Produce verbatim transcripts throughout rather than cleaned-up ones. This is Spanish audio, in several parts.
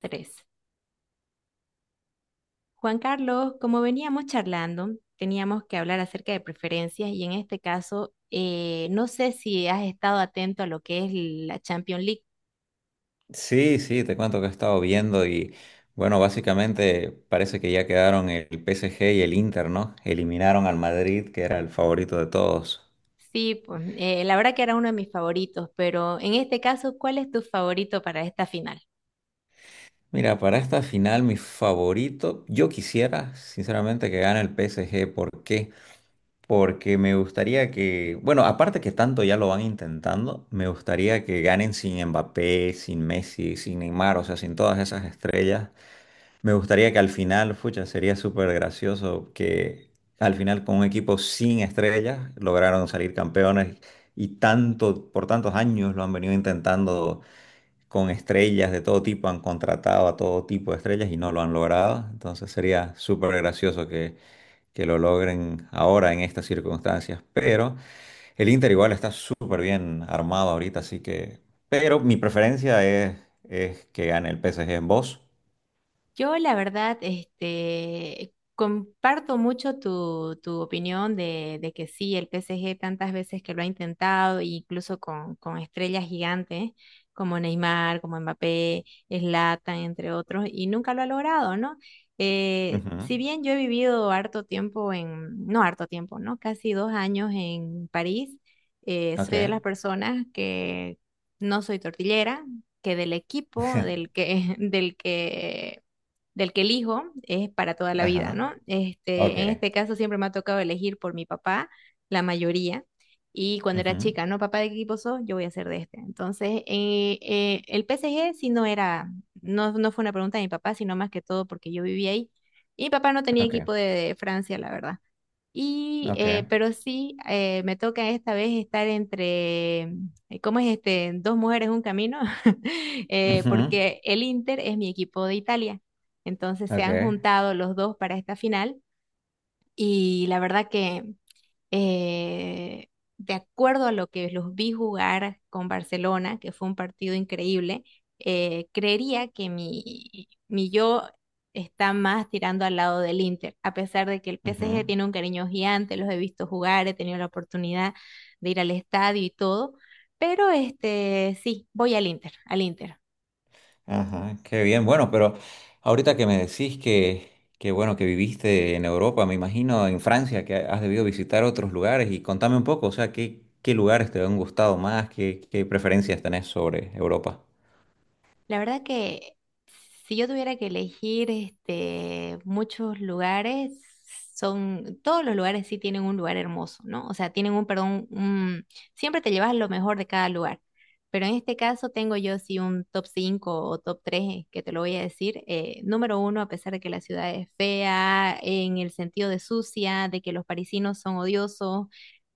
Tres. Juan Carlos, como veníamos charlando, teníamos que hablar acerca de preferencias y en este caso, eh, no sé si has estado atento a lo que es la Champions League. Sí, sí, te cuento que he estado viendo y bueno, básicamente parece que ya quedaron el P S G y el Inter, ¿no? Eliminaron al Madrid, que era el favorito de todos. Sí, pues, eh, la verdad que era uno de mis favoritos, pero en este caso, ¿cuál es tu favorito para esta final? Mira, para esta final mi favorito, yo quisiera sinceramente que gane el P S G. ¿Por qué? Porque me gustaría que, bueno, aparte que tanto ya lo van intentando, me gustaría que ganen sin Mbappé, sin Messi, sin Neymar, o sea, sin todas esas estrellas. Me gustaría que al final, fucha, sería súper gracioso que al final con un equipo sin estrellas lograron salir campeones y tanto, por tantos años lo han venido intentando con estrellas de todo tipo, han contratado a todo tipo de estrellas y no lo han logrado. Entonces sería súper gracioso que, que lo logren ahora en estas circunstancias. Pero el Inter igual está súper bien armado ahorita, así que... Pero mi preferencia es, es que gane el P S G en voz. Yo, la verdad, este, comparto mucho tu, tu opinión de, de que sí, el P S G tantas veces que lo ha intentado, incluso con, con estrellas gigantes como Neymar, como Mbappé, Zlatan, entre otros, y nunca lo ha logrado, ¿no? Eh, Ujú. Si bien yo he vivido harto tiempo en, no harto tiempo, ¿no? Casi dos años en París, eh, Ok. soy de las personas que no soy tortillera, que del equipo del que, del que del que elijo es para toda la vida, Ajá. ¿no? Este, Ok. en este caso siempre me ha tocado elegir por mi papá, la mayoría. Y cuando era Ujú. chica, ¿no? Papá, ¿de qué equipo sos? Yo voy a ser de este. Entonces, eh, eh, el P S G sí no era, no, no fue una pregunta de mi papá, sino más que todo porque yo vivía ahí. Y mi papá no tenía Ok. equipo de Francia, la verdad. Y, Ok. eh, pero sí, eh, me toca esta vez estar entre, eh, ¿cómo es este? Dos mujeres, un camino, eh, Ujú. porque el Inter es mi equipo de Italia. Entonces se han Ok. juntado los dos para esta final y la verdad que eh, de acuerdo a lo que los vi jugar con Barcelona, que fue un partido increíble, eh, creería que mi, mi yo está más tirando al lado del Inter, a pesar de que el P S G Ujú. tiene un cariño gigante, los he visto jugar, he tenido la oportunidad de ir al estadio y todo, pero este sí, voy al Inter, al Inter. Ajá. Qué bien. Bueno, pero ahorita que me decís que, que bueno, que viviste en Europa, me imagino en Francia, que has debido visitar otros lugares y contame un poco, o sea, qué, qué lugares te han gustado más, qué, qué preferencias tenés sobre Europa. La verdad que si yo tuviera que elegir este, muchos lugares, son, todos los lugares sí tienen un lugar hermoso, ¿no? O sea, tienen un, perdón, un- siempre te llevas lo mejor de cada lugar. Pero en este caso tengo yo sí un top cinco o top tres que te lo voy a decir. Eh, número uno, a pesar de que la ciudad es fea, en el sentido de sucia, de que los parisinos son odiosos,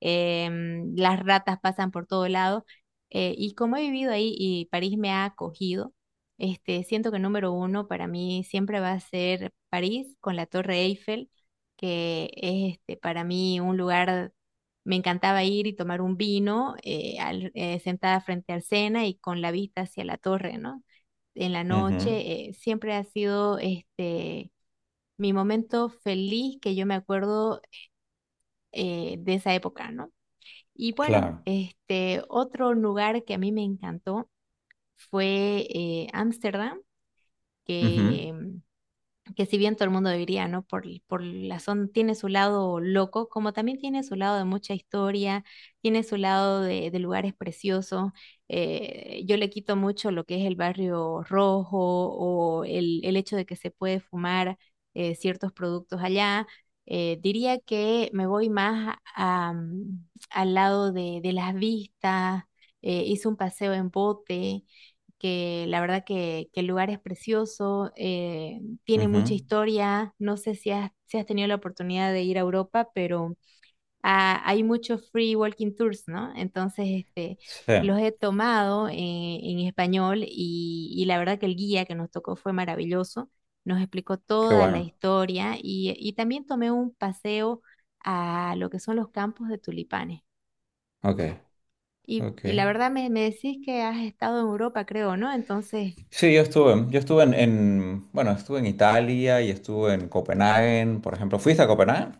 em, las ratas pasan por todo lado. Eh, y como he vivido ahí y París me ha acogido, este, siento que número uno para mí siempre va a ser París con la Torre Eiffel, que es este, para mí un lugar, me encantaba ir y tomar un vino eh, al- eh, sentada frente al Sena y con la vista hacia la torre, ¿no? En la Ujú. noche eh, siempre ha sido este, mi momento feliz que yo me acuerdo eh, de esa época, ¿no? Y bueno, Claro. este, otro lugar que a mí me encantó fue eh, Ámsterdam, Ujú. que que si bien todo el mundo diría, ¿no? Por, por la zona tiene su lado loco, como también tiene su lado de mucha historia, tiene su lado de, de lugares preciosos. Eh, yo le quito mucho lo que es el barrio rojo o el, el hecho de que se puede fumar eh, ciertos productos allá. Eh, diría que me voy más a- a, mm, al lado de, de las vistas. Eh, hice un paseo en bote que la verdad que, que el lugar es precioso, eh, tiene mucha Ujú. historia. No sé si has, si has tenido la oportunidad de ir a Europa, pero ah, hay muchos free walking tours, ¿no? Entonces, este, Sí. los he tomado en, en español y, y la verdad que el guía que nos tocó fue maravilloso. Nos explicó Qué toda la bueno. historia y, y también tomé un paseo a lo que son los campos de tulipanes. Ok. Y, Ok. y la verdad me, me decís que has estado en Europa, creo, ¿no? Entonces, Sí, yo estuve. Yo estuve en, en- bueno, estuve en Italia y estuve en Copenhague, por ejemplo. ¿Fuiste a Copenhague?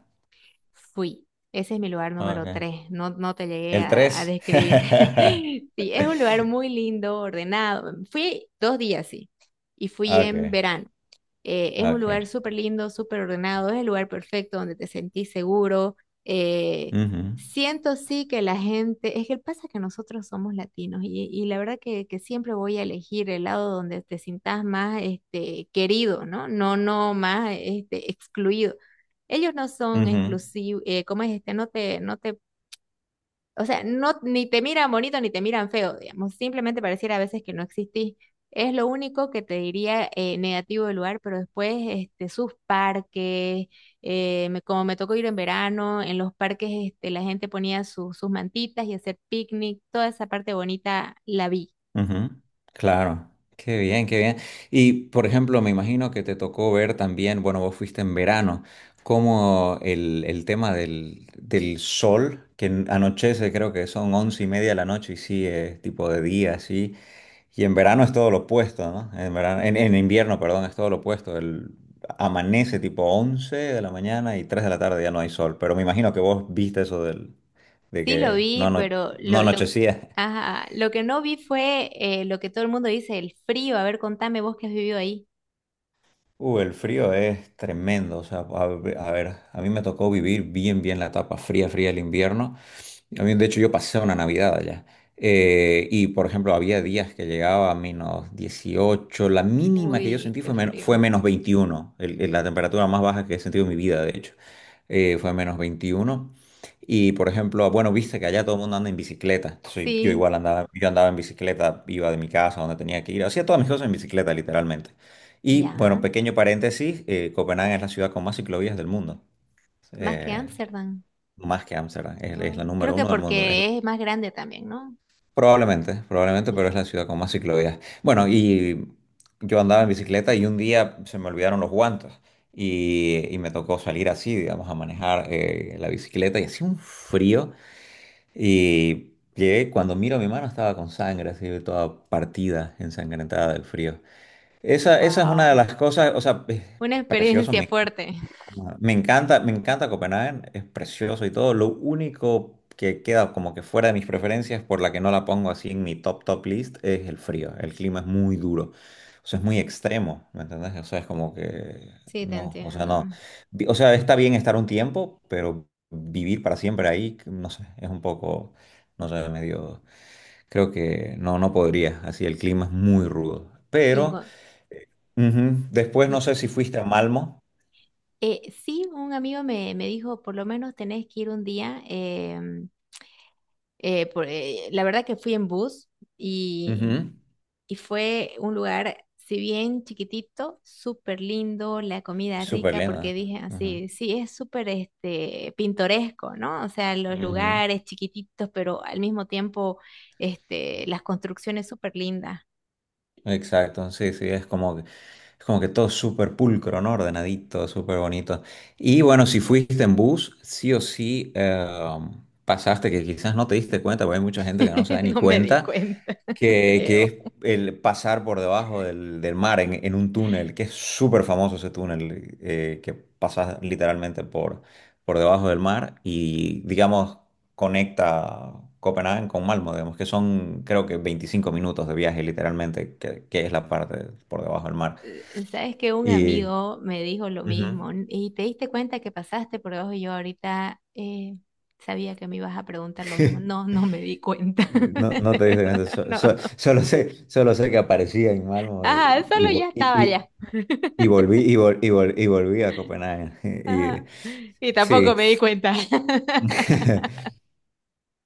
fui. Ese es mi lugar número Okay. tres. No, no te llegué El a, a tres. describir. Sí, es un lugar muy lindo, ordenado. Fui dos días, sí. Y fui en Okay, verano. Eh, es ah, un lugar okay. súper lindo, súper ordenado. Es el lugar perfecto donde te sentís seguro. Eh, Ujú, Siento sí que la gente, es que pasa que nosotros somos latinos y, y la verdad que, que siempre voy a elegir el lado donde te sientas más este, querido, ¿no? No, no más este, excluido. Ellos no son ujú, exclusivos, eh, ¿cómo es este? No te, no te, o sea, no, ni te miran bonito ni te miran feo, digamos, simplemente pareciera a veces que no existís. Es lo único que te diría eh, negativo del lugar, pero después este, sus parques, eh, me- como me tocó ir en verano, en los parques este, la gente ponía su- sus mantitas y hacer picnic, toda esa parte bonita la vi. ujú. Claro. Qué bien, qué bien. Y, por ejemplo, me imagino que te tocó ver también, bueno, vos fuiste en verano, como el, el tema del, del sol, que anochece, creo que son once y media de la noche y sí, es tipo de día, sí. Y en verano es todo lo opuesto, ¿no? En verano, en, en invierno, perdón, es todo lo opuesto. El, amanece tipo once de la mañana y tres de la tarde ya no hay sol. Pero me imagino que vos viste eso del, de Sí lo que no, vi, ano- pero no lo, lo, anochecía. ajá, lo que no vi fue eh, lo que todo el mundo dice, el frío. A ver, contame vos que has vivido ahí. Uh, el frío es tremendo, o sea, a, ve- a ver, a mí me tocó vivir bien, bien la etapa fría, fría del invierno. A mí, de hecho, yo pasé una Navidad allá. Eh, y, por ejemplo, había días que llegaba a menos dieciocho. La mínima que yo Uy, sentí qué fue, men- fue frío. menos veintiuno. el- el- la temperatura más baja que he sentido en mi vida, de hecho, eh, fue menos veintiuno. Y, por ejemplo, bueno, viste que allá todo el mundo anda en bicicleta, entonces yo Sí, igual andaba, yo andaba en bicicleta, iba de mi casa a donde tenía que ir, hacía todas mis cosas en bicicleta, literalmente. Y bueno, ya. pequeño paréntesis, eh, Copenhague es la ciudad con más ciclovías del mundo, Más que eh, Ámsterdam. más que Ámsterdam, es, es Oh, la creo número que uno del mundo, es la- porque es más grande también, ¿no? probablemente, probablemente, Sí. pero es la ciudad con más ciclovías. Bueno, y yo andaba en bicicleta y un día se me olvidaron los guantes y, y me tocó salir así, digamos, a manejar eh, la bicicleta y hacía un frío y llegué, cuando miro mi mano estaba con sangre, así toda partida, ensangrentada del frío. Esa, esa es una de Wow. las cosas, o sea... eh, Una precioso. experiencia fuerte. Ah, me encanta, me encanta Copenhague, es precioso y todo. Lo único que queda como que fuera de mis preferencias, por la que no la pongo así en mi top top list, es el frío. El clima es muy duro. O sea, es muy extremo, ¿me entendés? O sea, es como que Sí, te no, o sea, entiendo. no. Vi- o sea, está bien estar un tiempo, pero vivir para siempre ahí, no sé, es un poco, no sé, medio, creo que no, no podría. Así el clima es muy rudo. Y, en Pero cua- ujú, después y, no sé si fuiste a Malmo. eh, sí, un amigo me, me dijo, por lo menos tenés que ir un día. Em, eh, por- eh, la verdad que fui en bus y Ujú. y fue un lugar, si bien chiquitito, súper lindo, la comida Súper rica, lema. porque dije Ujú, así, sí, es súper este, pintoresco, ¿no? O sea, los ujú. lugares chiquititos, pero al mismo tiempo este, las construcciones súper lindas. Exacto, sí, sí, es como que, es como que todo súper pulcro, ¿no? Ordenadito, súper bonito. Y bueno, si fuiste en bus, sí o sí eh, pasaste, que quizás no te diste cuenta, porque hay mucha gente que no se da ni No me di cuenta, cuenta, que, que creo. es el pasar por debajo del, del mar en, en un túnel, que es súper famoso ese túnel, eh, que pasas literalmente por, por debajo del mar y, digamos, conecta Copenhague con Malmo, digamos, que son creo que veinticinco minutos de viaje literalmente, que, que es la parte por debajo del mar. Eh, Sabes que un Y... amigo me dijo lo mismo: Ujú. "N- y te diste cuenta que pasaste por debajo", y yo ahorita eh, sabía que me ibas a preguntar lo mismo. No, no me di cuenta. No, no De te diste verdad, cuenta, so- no. so- solo sé, solo sé que aparecía en Malmo Ajá, el y, solo ya estaba y- y- allá. y volví, y, vol- y, vol- y volví a Copenhague. Ajá. Y- Y tampoco sí, me di cuenta.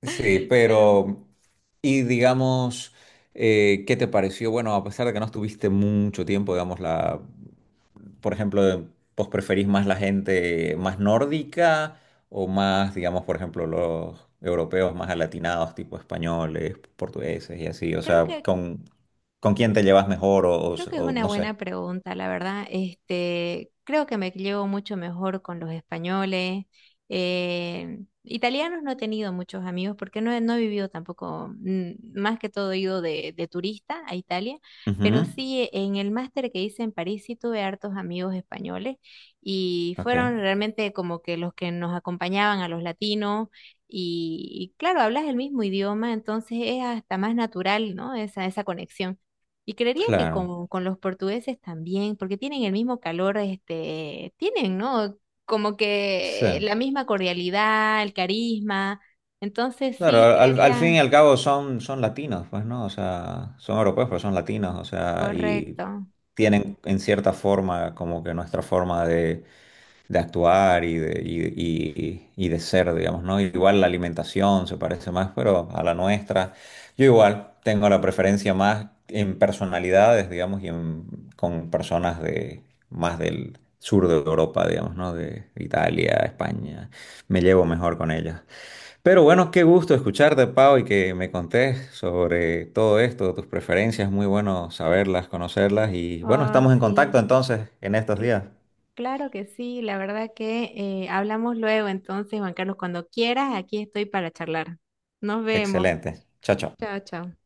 sí, Pero pero, y digamos, eh, ¿qué te pareció? Bueno, a pesar de que no estuviste mucho tiempo, digamos, la, por ejemplo, ¿vos preferís más la gente más nórdica o más, digamos, por ejemplo, los europeos más alatinados, tipo españoles, portugueses y así? O creo sea, que ¿con, con quién te llevas mejor o, o- Creo que es o una no sé? buena pregunta, la verdad. Este, creo que me llevo mucho mejor con los españoles. Eh, italianos no he tenido muchos amigos porque no he, no he vivido tampoco, mm, más que todo he ido de, de turista a Italia, pero Ujú, sí en el máster que hice en París sí tuve hartos amigos españoles y ok, fueron realmente como que los que nos acompañaban a los latinos. Y, y claro, hablas el mismo idioma, entonces es hasta más natural, ¿no? Esa, esa conexión. Y creería que claro, con, con los portugueses también, porque tienen el mismo calor, este, tienen, ¿no? Como sí. que la misma cordialidad, el carisma. Entonces Claro, sí, al, al fin creería, y al cabo son, son latinos, pues, ¿no? O sea, son europeos, pero son latinos, o sea, y correcto. tienen en cierta forma como que nuestra forma de, de actuar y de, y, y- y de ser, digamos, ¿no? Igual la alimentación se parece más, pero a la nuestra. Yo igual tengo la preferencia más en personalidades, digamos, y en- con personas de más del sur de Europa, digamos, ¿no? De Italia, España. Me llevo mejor con ellas. Pero bueno, qué gusto escucharte, Pau, y que me contés sobre todo esto, tus preferencias, muy bueno saberlas, conocerlas y bueno, Oh, estamos en contacto sí. entonces en estos Cl- días. Claro que sí, la verdad que eh, hablamos luego, entonces, Juan Carlos, cuando quieras, aquí estoy para charlar. Nos vemos. Excelente. Chao, chao. Chao, chao.